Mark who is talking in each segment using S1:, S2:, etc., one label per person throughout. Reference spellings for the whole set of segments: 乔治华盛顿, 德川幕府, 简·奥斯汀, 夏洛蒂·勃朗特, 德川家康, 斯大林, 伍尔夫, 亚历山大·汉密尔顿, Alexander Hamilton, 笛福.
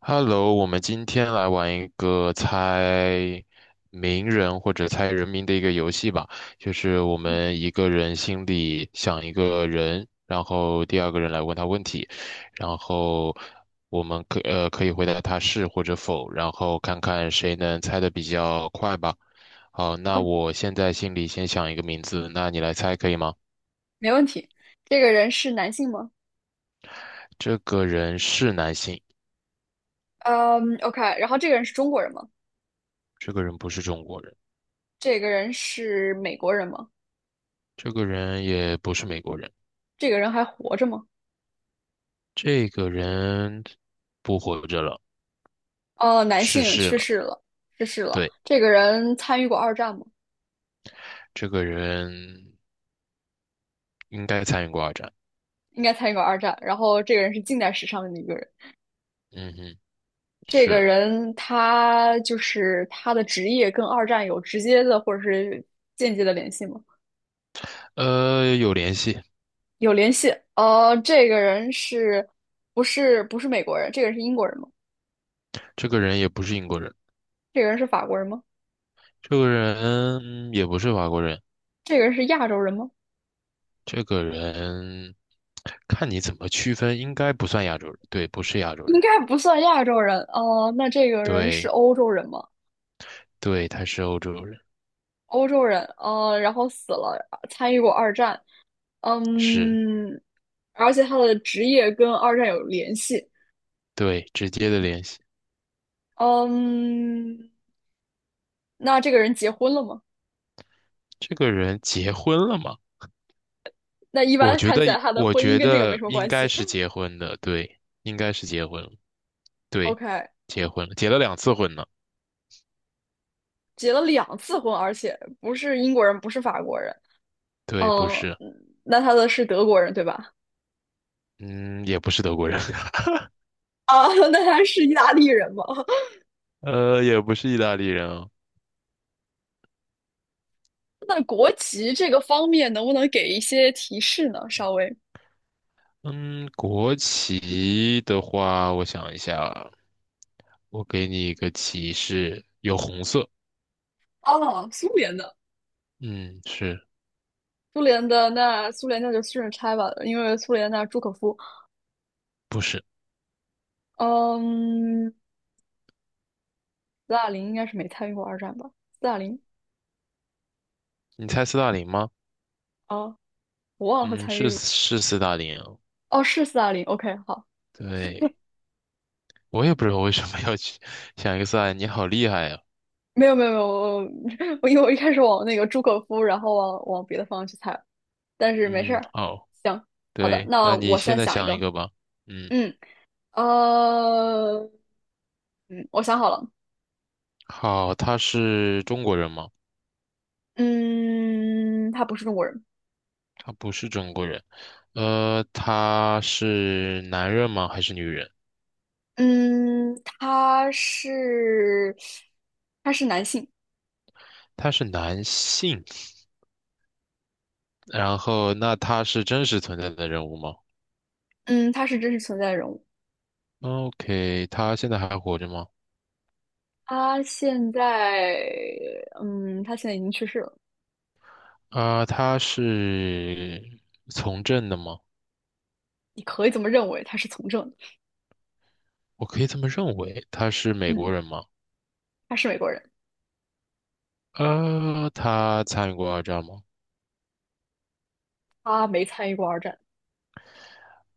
S1: Hello，我们今天来玩一个猜名人或者猜人名的一个游戏吧。就是我们一个人心里想一个人，然后第二个人来问他问题，然后我们可以回答他是或者否，然后看看谁能猜的比较快吧。好，
S2: 没
S1: 那
S2: 问
S1: 我现在心里先想一个名字，那你来猜可以吗？
S2: 没问题。这个人是男性吗？
S1: 这个人是男性，
S2: 嗯，OK。然后这个人是中国人吗？
S1: 这个人不是中国人，
S2: 这个人是美国人吗？
S1: 这个人也不是美国人。
S2: 这个人还活着吗？
S1: 这个人不活着了，
S2: 哦，男
S1: 逝
S2: 性
S1: 世
S2: 去
S1: 了。
S2: 世了，去世了。
S1: 对，
S2: 这个人参与过二战吗？
S1: 这个人应该参与过二战。
S2: 应该参与过二战。然后这个人是近代史上的一个人。
S1: 嗯哼，
S2: 这个
S1: 是，
S2: 人他就是他的职业跟二战有直接的或者是间接的联系吗？
S1: 有联系。
S2: 有联系。这个人不是美国人？这个人是英国人吗？
S1: 这个人也不是英国人，
S2: 这个人是法国人吗？
S1: 这个人也不是法国人，
S2: 这个人是亚洲人吗？
S1: 这个人看你怎么区分，应该不算亚洲人。对，不是亚洲
S2: 应
S1: 人。
S2: 该不算亚洲人哦。那这个人是
S1: 对，
S2: 欧洲人吗？
S1: 对，他是欧洲人。
S2: 欧洲人，然后死了，参与过二战，
S1: 是，
S2: 嗯，而且他的职业跟二战有联系，
S1: 对，直接的联系。
S2: 嗯，那这个人结婚了吗？
S1: 这个人结婚了吗？
S2: 那一
S1: 我
S2: 般
S1: 觉
S2: 看
S1: 得，
S2: 起来他的
S1: 我
S2: 婚姻
S1: 觉
S2: 跟这个没
S1: 得
S2: 什么
S1: 应
S2: 关
S1: 该
S2: 系。
S1: 是结婚的，对，应该是结婚了，对，
S2: OK,
S1: 结婚了，结了两次婚呢，
S2: 结了两次婚，而且不是英国人，不是法国人，
S1: 对，不
S2: 嗯，
S1: 是，
S2: 那他的是德国人对吧？
S1: 嗯，也不是德国人，
S2: 啊，那他是意大利人吗？
S1: 也不是意大利人啊。
S2: 那国籍这个方面，能不能给一些提示呢？稍微
S1: 嗯，国旗的话，我想一下啊。我给你一个提示，有红色，
S2: 哦，苏联的，
S1: 嗯，是。
S2: 苏联的那苏联那就顺着拆吧，因为苏联那朱可夫，
S1: 不是？
S2: 嗯，斯大林应该是没参与过二战吧？斯大林
S1: 你猜斯大林吗？
S2: 啊，哦我忘了他
S1: 嗯，
S2: 参
S1: 是
S2: 与，
S1: 是斯大林啊，
S2: 哦，是斯大林。OK,好，
S1: 对，我也不知道为什么要去 想一个斯大林，你好厉害呀、
S2: 没有没有没有，我 因为我一开始往那个朱可夫，然后往别的方向去猜了但是没事
S1: 嗯，
S2: 儿，
S1: 好。
S2: 行，好的，
S1: 对，
S2: 那
S1: 那你
S2: 我现
S1: 现
S2: 在
S1: 在
S2: 想一
S1: 想一
S2: 个，
S1: 个吧。嗯，
S2: 嗯，呃，嗯，我想好了。
S1: 好，他是中国人吗？
S2: 嗯，他不是中国人。
S1: 他不是中国人。他是男人吗？还是女人？
S2: 嗯，他是男性。
S1: 他是男性。然后，那他是真实存在的人物吗
S2: 嗯，他是真实存在的人物。
S1: ？OK，他现在还活着吗？
S2: 他现在嗯，他现在已经去世了。
S1: 啊、他是从政的吗？
S2: 你可以这么认为，他是从政的。
S1: 我可以这么认为。他是美国
S2: 嗯，
S1: 人吗？
S2: 他是美国人，
S1: 他参与过二战吗？
S2: 他没参与过二战，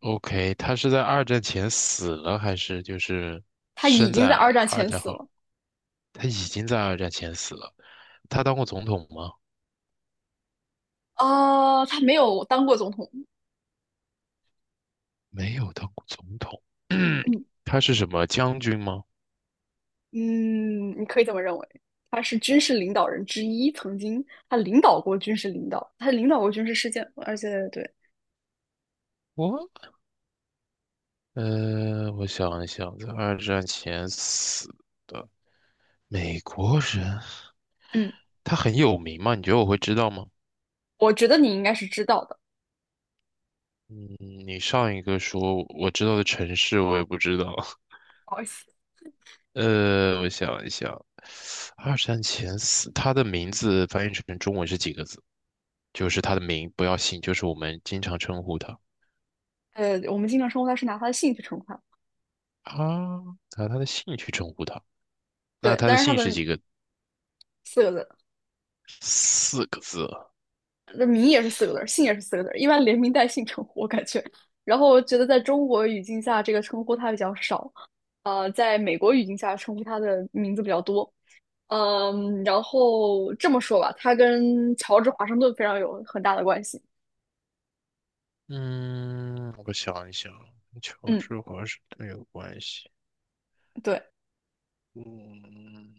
S1: OK，他是在二战前死了，还是就是
S2: 他已
S1: 生
S2: 经在
S1: 在
S2: 二战
S1: 二
S2: 前
S1: 战
S2: 死
S1: 后？
S2: 了。
S1: 他已经在二战前死了。他当过总统吗？
S2: 啊、他没有当过总统。
S1: 没有当过总统。
S2: 嗯，
S1: 他是什么将军吗？
S2: 嗯，你可以这么认为。他是军事领导人之一，曾经他领导过军事事件，而且对。
S1: 我我想一想，在二战前死的美国人，
S2: 嗯。
S1: 他很有名吗？你觉得我会知道吗？
S2: 我觉得你应该是知道的，
S1: 嗯，你上一个说我知道的城市，我也不知道。
S2: 不好意思。
S1: 我想一想，二战前四，他的名字翻译成中文是几个字？就是他的名，不要姓，就是我们经常称呼他。
S2: 我们经常称呼他是拿他的姓去称呼它，
S1: 啊，拿他的姓去称呼他。那
S2: 对，
S1: 他的
S2: 但是他
S1: 姓是
S2: 的
S1: 几个？
S2: 四个字，
S1: 四个字啊。
S2: 那名也是四个字姓也是四个字一般连名带姓称呼，我感觉。然后我觉得在中国语境下，这个称呼他比较少，在美国语境下称呼他的名字比较多。嗯，然后这么说吧，他跟乔治华盛顿非常有很大的关系。
S1: 嗯，我想一想，跟乔
S2: 嗯，
S1: 治华盛顿有关系。
S2: 对，
S1: 嗯，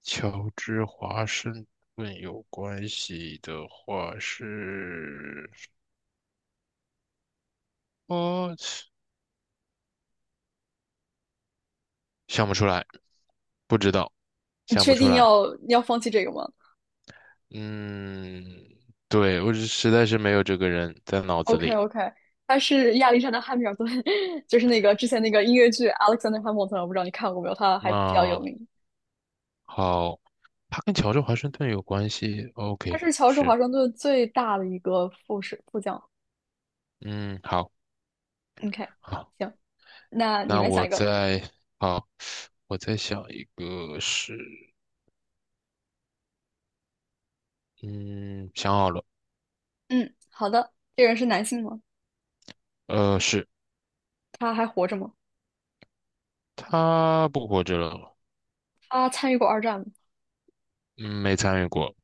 S1: 乔治华盛顿有关系的话是，哦，想不出来。不知道，
S2: 你
S1: 想不
S2: 确
S1: 出
S2: 定
S1: 来。
S2: 要放弃这个吗？
S1: 嗯，对，我是实在是没有这个人在脑子
S2: OK
S1: 里。
S2: OK,他是亚历山大·汉密尔顿，就是那个之前那个音乐剧《Alexander Hamilton》,我不知道你看过没有，他还比较有
S1: 那
S2: 名。
S1: 好，他跟乔治华盛顿有关系。
S2: 他
S1: OK，
S2: 是乔治
S1: 是，
S2: 华盛顿最大的一个副士副将。
S1: 嗯，好，
S2: OK,
S1: 好，
S2: 行，那你
S1: 那
S2: 来想
S1: 我
S2: 一个。
S1: 再，好，我再想一个是，嗯，想好了，
S2: 嗯，好的。这个人是男性吗？
S1: 是。
S2: 他还活着吗？
S1: 他不活着了，
S2: 他参与过二战吗
S1: 嗯，没参与过，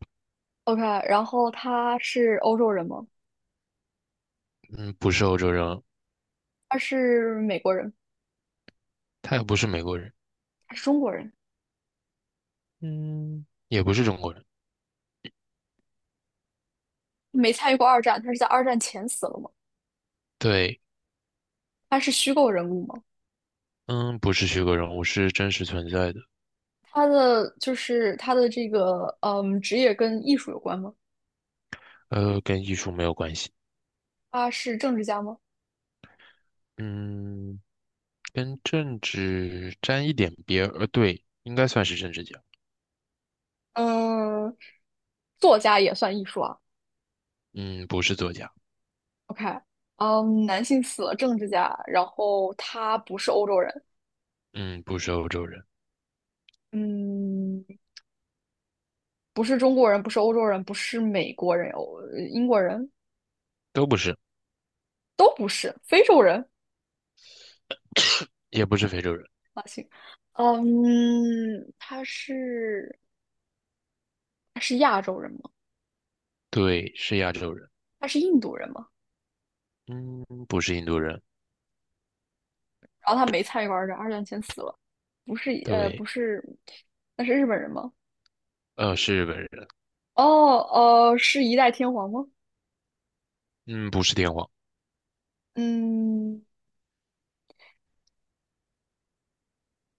S2: ？OK,然后他是欧洲人吗？
S1: 嗯，不是欧洲人，
S2: 他是美国人？
S1: 他也不是美国人，
S2: 他是中国人？
S1: 嗯，也不是中国人，
S2: 没参与过二战，他是在二战前死了吗？
S1: 对。
S2: 他是虚构人物吗？
S1: 嗯，不是虚构人物，是真实存在的，
S2: 他的就是他的这个职业跟艺术有关吗？
S1: 跟艺术没有关系，
S2: 他是政治家吗？
S1: 嗯，跟政治沾一点边儿，对，应该算是政治家，
S2: 嗯，作家也算艺术啊。
S1: 嗯，不是作家，
S2: OK,嗯，男性死了，政治家，然后他不是欧洲人，
S1: 嗯，不是欧洲人，
S2: 嗯，不是中国人，不是欧洲人，不是美国人，英国人
S1: 都不是，
S2: 都不是，非洲人
S1: 也不是非洲人，
S2: 啊，行，嗯，他是他是亚洲人吗？
S1: 对，是亚洲人，
S2: 他是印度人吗？
S1: 嗯，不是印度人，
S2: 然后他没参与过二战，二战前死了，不是不
S1: 对，
S2: 是，那是日本人吗？
S1: 是日本人，
S2: 哦是一代天皇吗？
S1: 嗯，不是天皇，
S2: 嗯，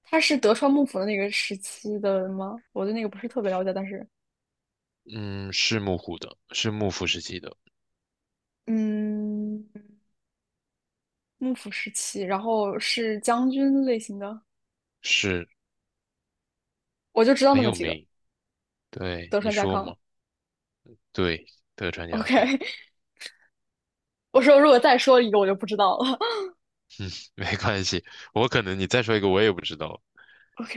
S2: 他是德川幕府的那个时期的吗？我对那个不是特别了解，但是
S1: 嗯，是幕府的，是幕府时期的，
S2: 嗯，幕府时期，然后是将军类型的，
S1: 是。
S2: 我就知道那
S1: 很
S2: 么
S1: 有
S2: 几个，
S1: 名，对，
S2: 德
S1: 你
S2: 川家
S1: 说
S2: 康。
S1: 嘛，对，德川家
S2: OK,
S1: 康，
S2: 我说如果再说一个，我就不知道了。
S1: 没关系，我可能你再说一个我也不知道。
S2: OK,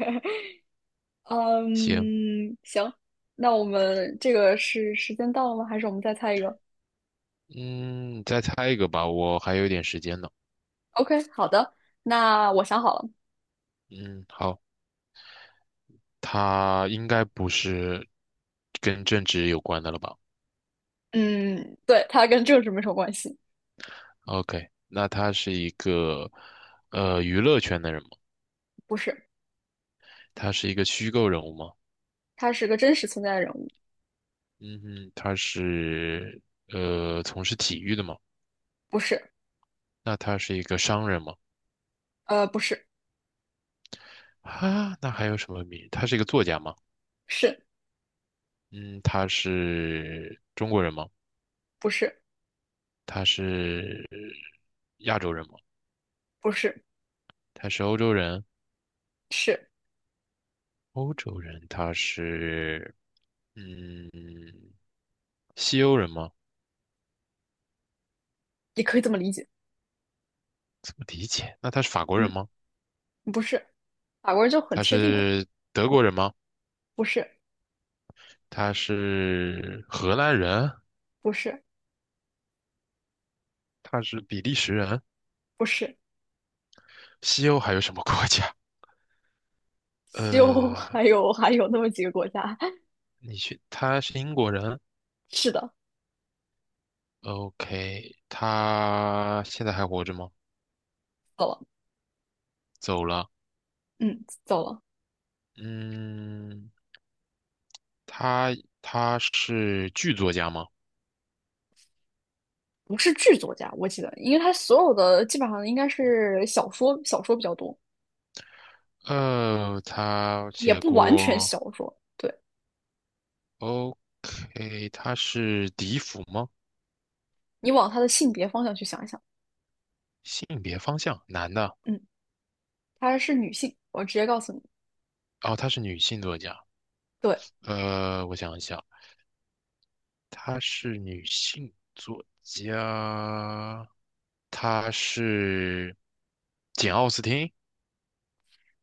S1: 行，
S2: 嗯，行，那我们这个是时间到了吗？还是我们再猜一个？
S1: 嗯，再猜一个吧，我还有一点时间呢。
S2: OK,好的，那我想好了，
S1: 嗯，好，他应该不是跟政治有关的了吧
S2: 嗯，对，他跟政治没什么关系，
S1: ？OK，那他是一个娱乐圈的人吗？
S2: 不是，
S1: 他是一个虚构人物吗？
S2: 他是个真实存在的人物，
S1: 嗯哼，他是从事体育的吗？
S2: 不是，
S1: 那他是一个商人吗？
S2: 不是，
S1: 啊，那还有什么名？他是一个作家吗？
S2: 是，
S1: 嗯，他是中国人吗？
S2: 不是，
S1: 他是亚洲人吗？
S2: 不是，
S1: 他是欧洲人？
S2: 是，
S1: 欧洲人他是嗯西欧人吗？
S2: 也可以这么理解，
S1: 怎么理解？那他是法国人
S2: 嗯，
S1: 吗？
S2: 不是，法国人就很
S1: 他
S2: 确定了，
S1: 是德国人吗？
S2: 不是，
S1: 他是荷兰人？
S2: 不是，
S1: 他是比利时人？
S2: 不是，
S1: 西欧还有什么国家？
S2: 就
S1: 呃，
S2: 还有那么几个国家，
S1: 你去，他是英国人
S2: 是的，
S1: ？OK，他现在还活着吗？
S2: 走了，
S1: 走了。
S2: 嗯，走了，
S1: 嗯，他他是剧作家吗？
S2: 不是剧作家，我记得，因为他所有的基本上应该是小说，小说比较多，
S1: 呃，他
S2: 也
S1: 写
S2: 不完全
S1: 过。
S2: 小说。对。
S1: OK，她是笛福吗？
S2: 你往她的性别方向去想一想，
S1: 性别方向，男的。
S2: 嗯，她是女性，我直接告诉你，
S1: 哦，她是女性作家。
S2: 对，
S1: 我想一想，她是女性作家，她是简·奥斯汀，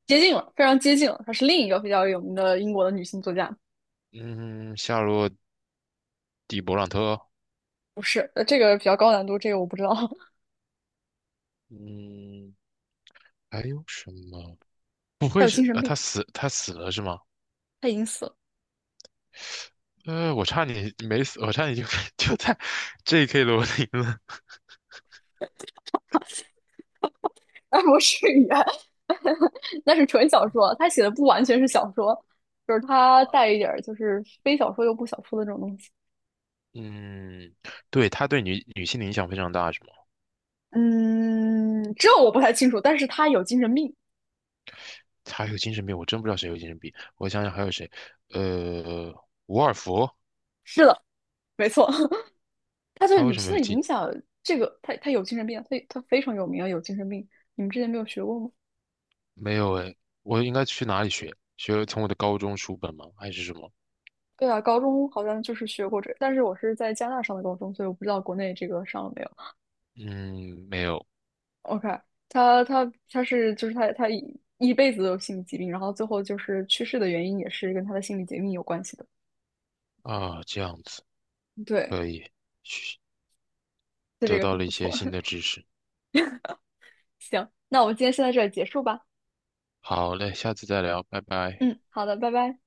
S2: 接近了，非常接近了，她是另一个比较有名的英国的女性作家，
S1: 嗯，夏洛蒂·勃朗特，
S2: 不是，这个比较高难度，这个我不知道，
S1: 嗯，还有什么？不
S2: 她
S1: 会
S2: 有
S1: 是，
S2: 精神病，
S1: 她死了是吗？
S2: 她已经死了，
S1: 我差点没死，我差点就 就在 J.K. 罗琳了。
S2: 啊，不是语言，那是纯小说，她写的不完全是小说，就是她带一点就是非小说又不小说的这种东西，
S1: 嗯，对，他对女女性的影响非常大，是吗？
S2: 嗯，这我不太清楚，但是她有精神病，
S1: 他还有精神病，我真不知道谁有精神病。我想想还有谁，呃，伍尔夫，
S2: 是的，没错。他对
S1: 他为
S2: 女
S1: 什么
S2: 性
S1: 有
S2: 的
S1: 精？
S2: 影响，这个他有精神病，他非常有名啊，有精神病。你们之前没有学过吗？
S1: 没有哎，我应该去哪里学？学从我的高中书本吗？还是什么？
S2: 对啊，高中好像就是学过这，但是我是在加拿大上的高中，所以我不知道国内这个上了没有。
S1: 嗯，没有
S2: OK,他是就是他一辈子都有心理疾病，然后最后就是去世的原因也是跟他的心理疾病有关系的。
S1: 啊，这样子
S2: 对，
S1: 可以，学
S2: 就这
S1: 得
S2: 个
S1: 到
S2: 很
S1: 了一
S2: 不
S1: 些
S2: 错。
S1: 新 的知识。
S2: 行，那我们今天先在这里结束吧。
S1: 好嘞，下次再聊，拜拜。
S2: 嗯，好的，拜拜。